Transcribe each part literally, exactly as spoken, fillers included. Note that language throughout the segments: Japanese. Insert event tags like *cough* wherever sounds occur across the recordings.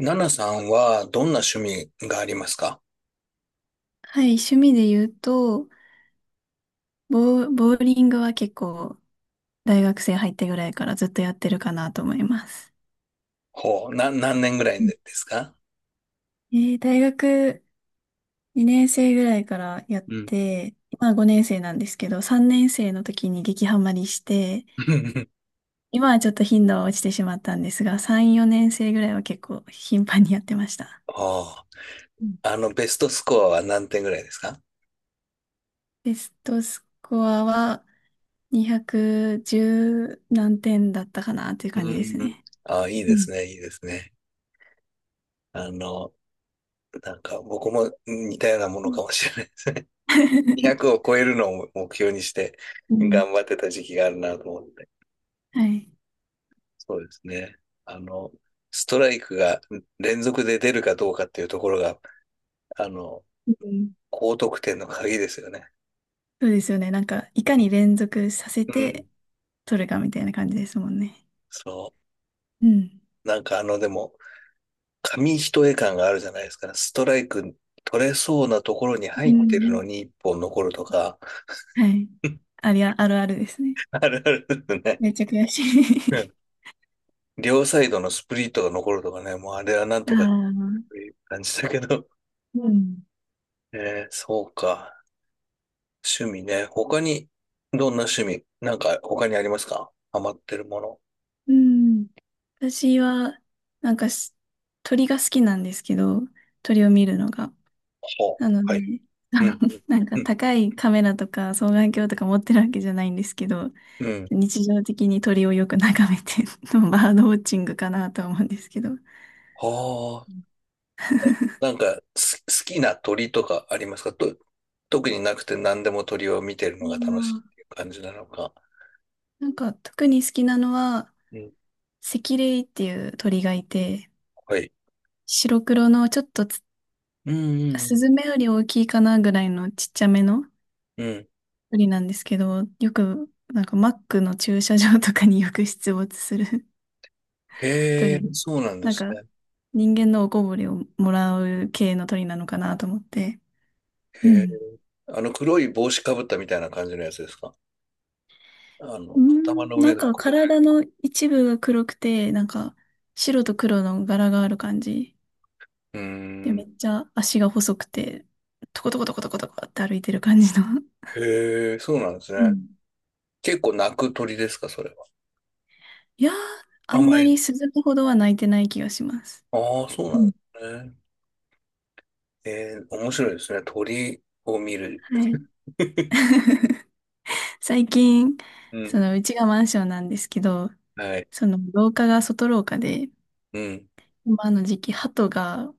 ナナさんはどんな趣味がありますか？はい、趣味で言うと、ボーボーリングは結構大学生入ってぐらいからずっとやってるかなと思います。ほう、な、何年ぐらいうん。ですか？えー大学にねん生ぐらいからやっうん。て、今ごねん生なんですけど、さんねん生の時に激ハマりして、*laughs* 今はちょっと頻度は落ちてしまったんですが、さん、よねん生ぐらいは結構頻繁にやってました。あうん。あ、あの、ベストスコアは何点ぐらいですか？ベストスコアはにひゃくじゅう何点だったかなっていう感うじですん。ね。ああ、いいうでん。すね、いいですね。あの、なんか僕も似たようなもうのかん。 もしれないですね。にひゃく *laughs* *laughs* を超えるのを目標にしてうん。頑張ってた時期があるなと思って。はい。そうですね。あの、ストライクが連続で出るかどうかっていうところが、あの、うん。高得点の鍵ですよね。そうですよね。なんか、いかうんに連続させうてん。取るかみたいな感じですもんね。そう。うん。なんかあの、でも、紙一重感があるじゃないですか。ストライク取れそうなところにう入ってるん。のにいっぽん残るとか、はい。*laughs* ありゃ、あるあるですね。あるあるですね。めっちゃ悔しうい。 ん。両サイドのスプリットが残るとかね、もうあれはなん *laughs* あとかっあ、ていう感じだけど。うん。えー、そうか。趣味ね。他に、どんな趣味なんか他にありますか？ハマってるもの。うん。私は、なんかし、鳥が好きなんですけど、鳥を見るのが。はなのあ、はで、い。あうの、ん。*laughs* なんうかん。高いカメラとか双眼鏡とか持ってるわけじゃないんですけど、うん。日常的に鳥をよく眺めて、 *laughs* バードウォッチングかなとは思うんですけど。は、なんか、す好きな鳥とかありますかと、特になくて何でも鳥を見てるうのが楽しいっん。ていう感じなのか。なんか特に好きなのは、うん。セキレイっていう鳥がいて、はい。白黒のちょっとつうんうスんズメより大きいかなぐらいのちっちゃめのうん。うん。鳥なんですけど、よくなんかマックの駐車場とかによく出没する *laughs* へ鳥。え、そうなんでなんすかね。人間のおこぼれをもらう系の鳥なのかなと思って。へうえ。ん。あの黒い帽子かぶったみたいな感じのやつですか？あうの、頭ん、のな上んのか黒い。体の一部が黒くて、なんか白と黒の柄がある感じ。うーで、めっん。ちゃ足が細くて、トコトコトコトコトコって歩いてる感じの。へえ、そうなんですうね。ん。結構鳴く鳥ですか、それは。いやー、ああんんままり。り鈴鹿ほどは泣いてない気がします。ああ、そううなんでん。すね。えー、面白いですね。鳥を見る。はい。最近、うん。その、うちがマンションなんですけど、はい。その、廊下が外廊下で、うん。今の時期、鳩が、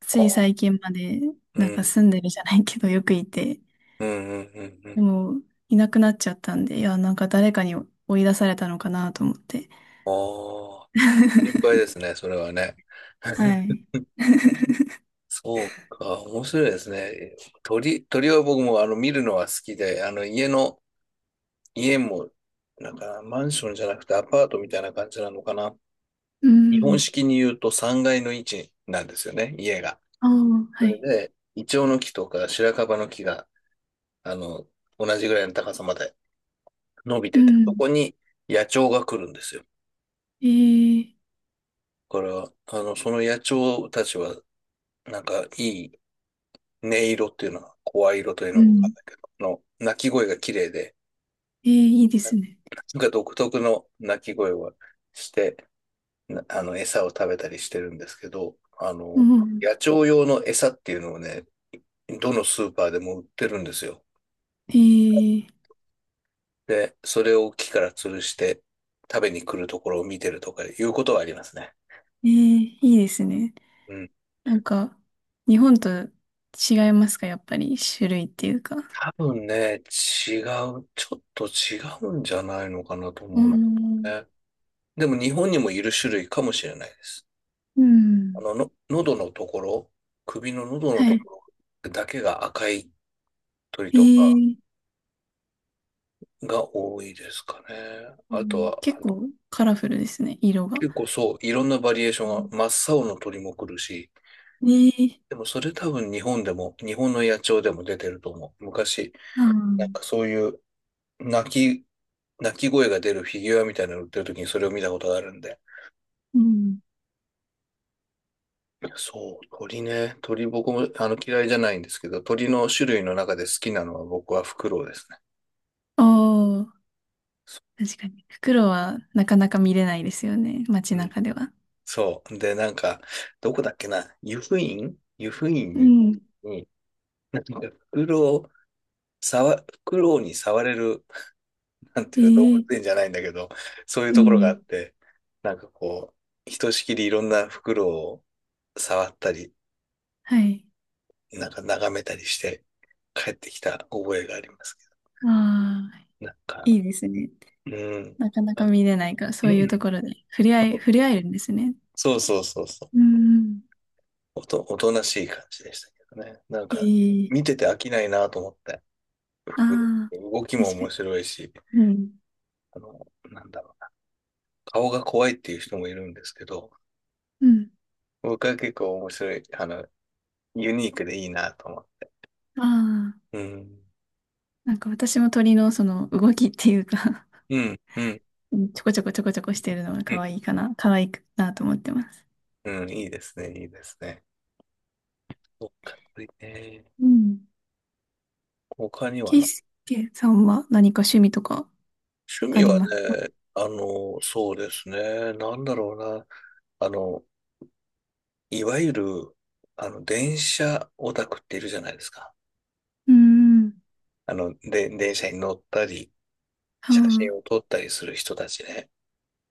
ついあ、最近まで、うなんかん。住んでるじゃないけど、よくいて、うんうんうんうでん。も、いなくなっちゃったんで、いや、なんか誰かに追い出されたのかなと思って。ああ、心配で *laughs* すね、それはね。は *laughs* い。*laughs* そうか、面白いですね。鳥、鳥は僕もあの見るのは好きで、あの家の、家も、なんかマンションじゃなくてアパートみたいな感じなのかな。う日本ん。式に言うとさんがいの位置なんですよね、家が。ああ、そはれい。で、イチョウの木とか白樺の木が、あの、同じぐらいの高さまで伸びうてて、そん。こに野鳥が来るんですよ。えー、だから、あの、その野鳥たちは、なんかいい音色っていうのは、声色といううのが分かん。んないけど、の、鳴き声が綺麗で、えー、いいですね。なんか独特の鳴き声をして、あの、餌を食べたりしてるんですけど、あうの、ん。野鳥用の餌っていうのをね、どのスーパーでも売ってるんですよ。えー、で、それを木から吊るして食べに来るところを見てるとかいうことはありますね。えー、いいですね。うん。なんか、日本と違いますか、やっぱり、種類っていうか。多分ね、違う、ちょっと違うんじゃないのかなとう思うんだん。よね。でも日本にもいる種類かもしれないです。うあん。の、の、喉のところ、首の喉のはとい。ころだけが赤い鳥えとかー、が多いですかね。うあとん、は、結構カラフルですね、色が。結構そう、いろんなバリエーションうん。が、真っ青の鳥も来るし、えー、でもそれ多分日本でも、日本の野鳥でも出てると思う。昔、あなんー、かそういう鳴き、鳴き声が出るフィギュアみたいなの売ってる時にそれを見たことがあるんで。うん。そう、鳥ね。鳥僕もあの嫌いじゃないんですけど、鳥の種類の中で好きなのは僕はフクロウですね。おー、確かに。袋はなかなか見れないですよね、街うん。中では。そう。で、なんか、どこだっけな、湯布院湯布院うに、ん。になんかフクロウ、触、フクロウに触れる、なんてえいうか動物ー、園じゃないんだけど、そういううところがあん。って、なんかこう、ひとしきりいろんなフクロウを触ったり、はい。なんか眺めたりして帰ってきた覚えがありますけああ、ど、なんか、いいですね。うん。なかなかあ、見れないから、うそういうとん。ころで触れ合い、触れ合えるんですね。そうそうそうそう。うん。おと、おとなしい感じでしたけどね。なんえか、え、見てて飽きないなと思って。ああ、動きも確か面に。白いし、うん。あの、なんだろうな、顔が怖いっていう人もいるんですけど、うん。僕は結構面白い、あの、ユニークでいいなと思って。ああ、うん、なんか私も鳥のその動きっていうか、うん、うん、うん、 *laughs* ちょこちょこちょこちょこしてるのがう可ん、愛いかな、可愛くなと思ってます。うん、いいですね、いいですね。そっか、ね。うん。他にはケイな。スケさんは何か趣味とか趣あ味りはますか？ね、あの、そうですね、なんだろうな、あの、いわゆる、あの、電車オタクっているじゃないですか。うん。あの、で、電車に乗ったり、は写真を撮ったりする人たちね。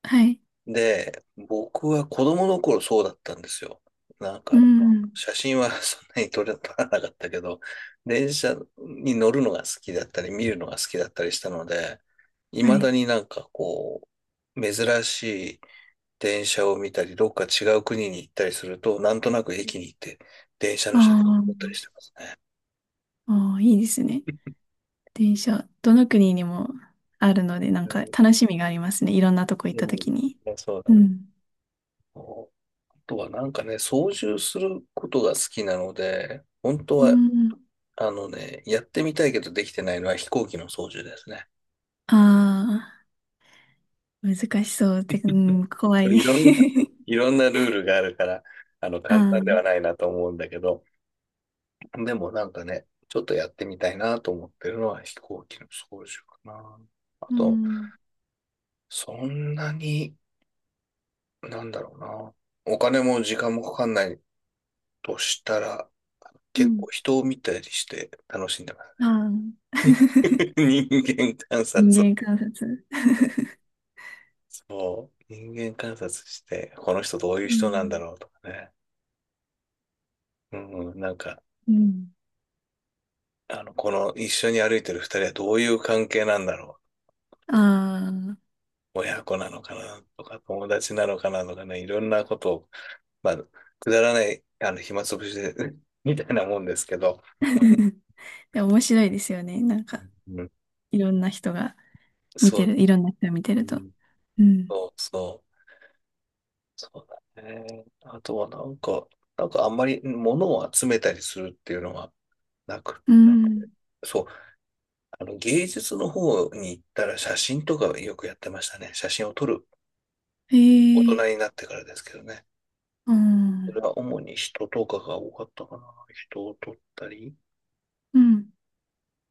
あ、はい。で、僕は子供の頃そうだったんですよ。なんうか、ん。写真はそんなに撮れ、撮らなかったけど、電車に乗るのが好きだったり、見るのが好きだったりしたので、は未い。だになんかこう、珍しい電車を見たり、どっか違う国に行ったりすると、なんとなく駅に行って電車の写真を撮ったりあしてますね。あ、ああ、いいですね。電車、どの国にもあるので、なんうかん楽しみがありますね。いろんなとこ行うった時に。ん。そううだね。ん。あとはなんかね、操縦することが好きなので、本当うはん。あのね、やってみたいけどできてないのは飛行機の操縦ですね。ああ、難しそうって、うん、*laughs* 怖い。い *laughs* ろんな、いろんなルールがあるから、あの、あ簡単あ、ではないなと思うんだけど、でもなんかね、ちょっとやってみたいなと思ってるのは飛行機の操縦かな。あうと、ん。そんなに、なんだろうな。お金も時間もかかんないとしたら、う結ん。構人を見たりして楽しんでまあすあ、ね。*laughs* 人間観察を、人間観察。そう、人間観察して、この人どういうう人なんだん。ろうとかね。うんうん、なんか、うん。あの、この一緒に歩いてるふたりはどういう関係なんだろうとか、ああ。親子なのかなとか、友達なのかなとかね、いろんなことを、まあ、くだらない、あの、暇つぶしで、*laughs* みたいなもんですけど、*laughs* でも面白いですよね。なんか、うん、いろんな人が見そてう、る、いろんな人を見てうると。ん、うん。そう、そう、そうだね。あとはなんか、なんかあんまり物を集めたりするっていうのはなく、うん。そう、あの、芸術の方に行ったら写真とかよくやってましたね。写真を撮る。へ大え。人になってからですけどね。うそれん。は主に人とかが多かったかな。人を撮ったり。うん。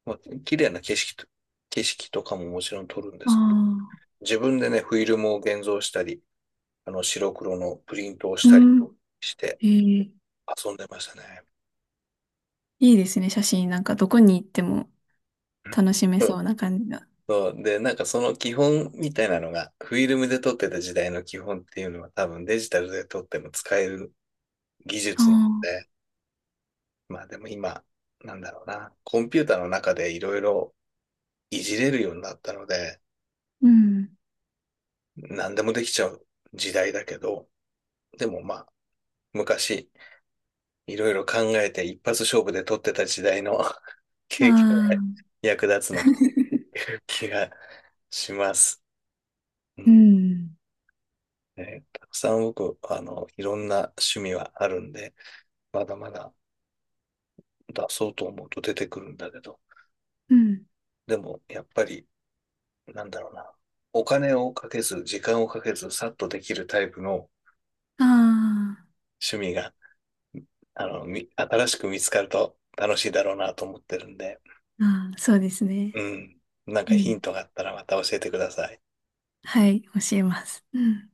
まあ、綺麗な景色と、景色とかももちろん撮るんであすけど、あ。自分でね、フィルムを現像したり、あの、白黒のプリントをしたりうしてん。ええ、遊んでましたね。いいですね、写真。なんか、どこに行ってもう楽しめんうそん。うな感じが。そうで、なんかその基本みたいなのが、フィルムで撮ってた時代の基本っていうのは多分デジタルで撮っても使える技あ術なんあ、で、まあでも今、なんだろうな、コンピューターの中でいろいろいじれるようになったので、うん。何でもできちゃう時代だけど、でもまあ、昔、いろいろ考えていっぱつ勝負で取ってた時代の *laughs* あ経験があ、役立つのかとい *laughs* う気がします。ううん。ん。ね、たくさん僕、あの、いろんな趣味はあるんで、まだまだ出そうと思うと出てくるんだけど、うん。でもやっぱりなんだろうな。お金をかけず、時間をかけず、さっとできるタイプのあ趣味が、あの、み新しく見つかると楽しいだろうなと思ってるんで、あ、ああ、そうですうね。ん。なんうかヒンん。トがあったらまた教えてください。はい、教えます。うん。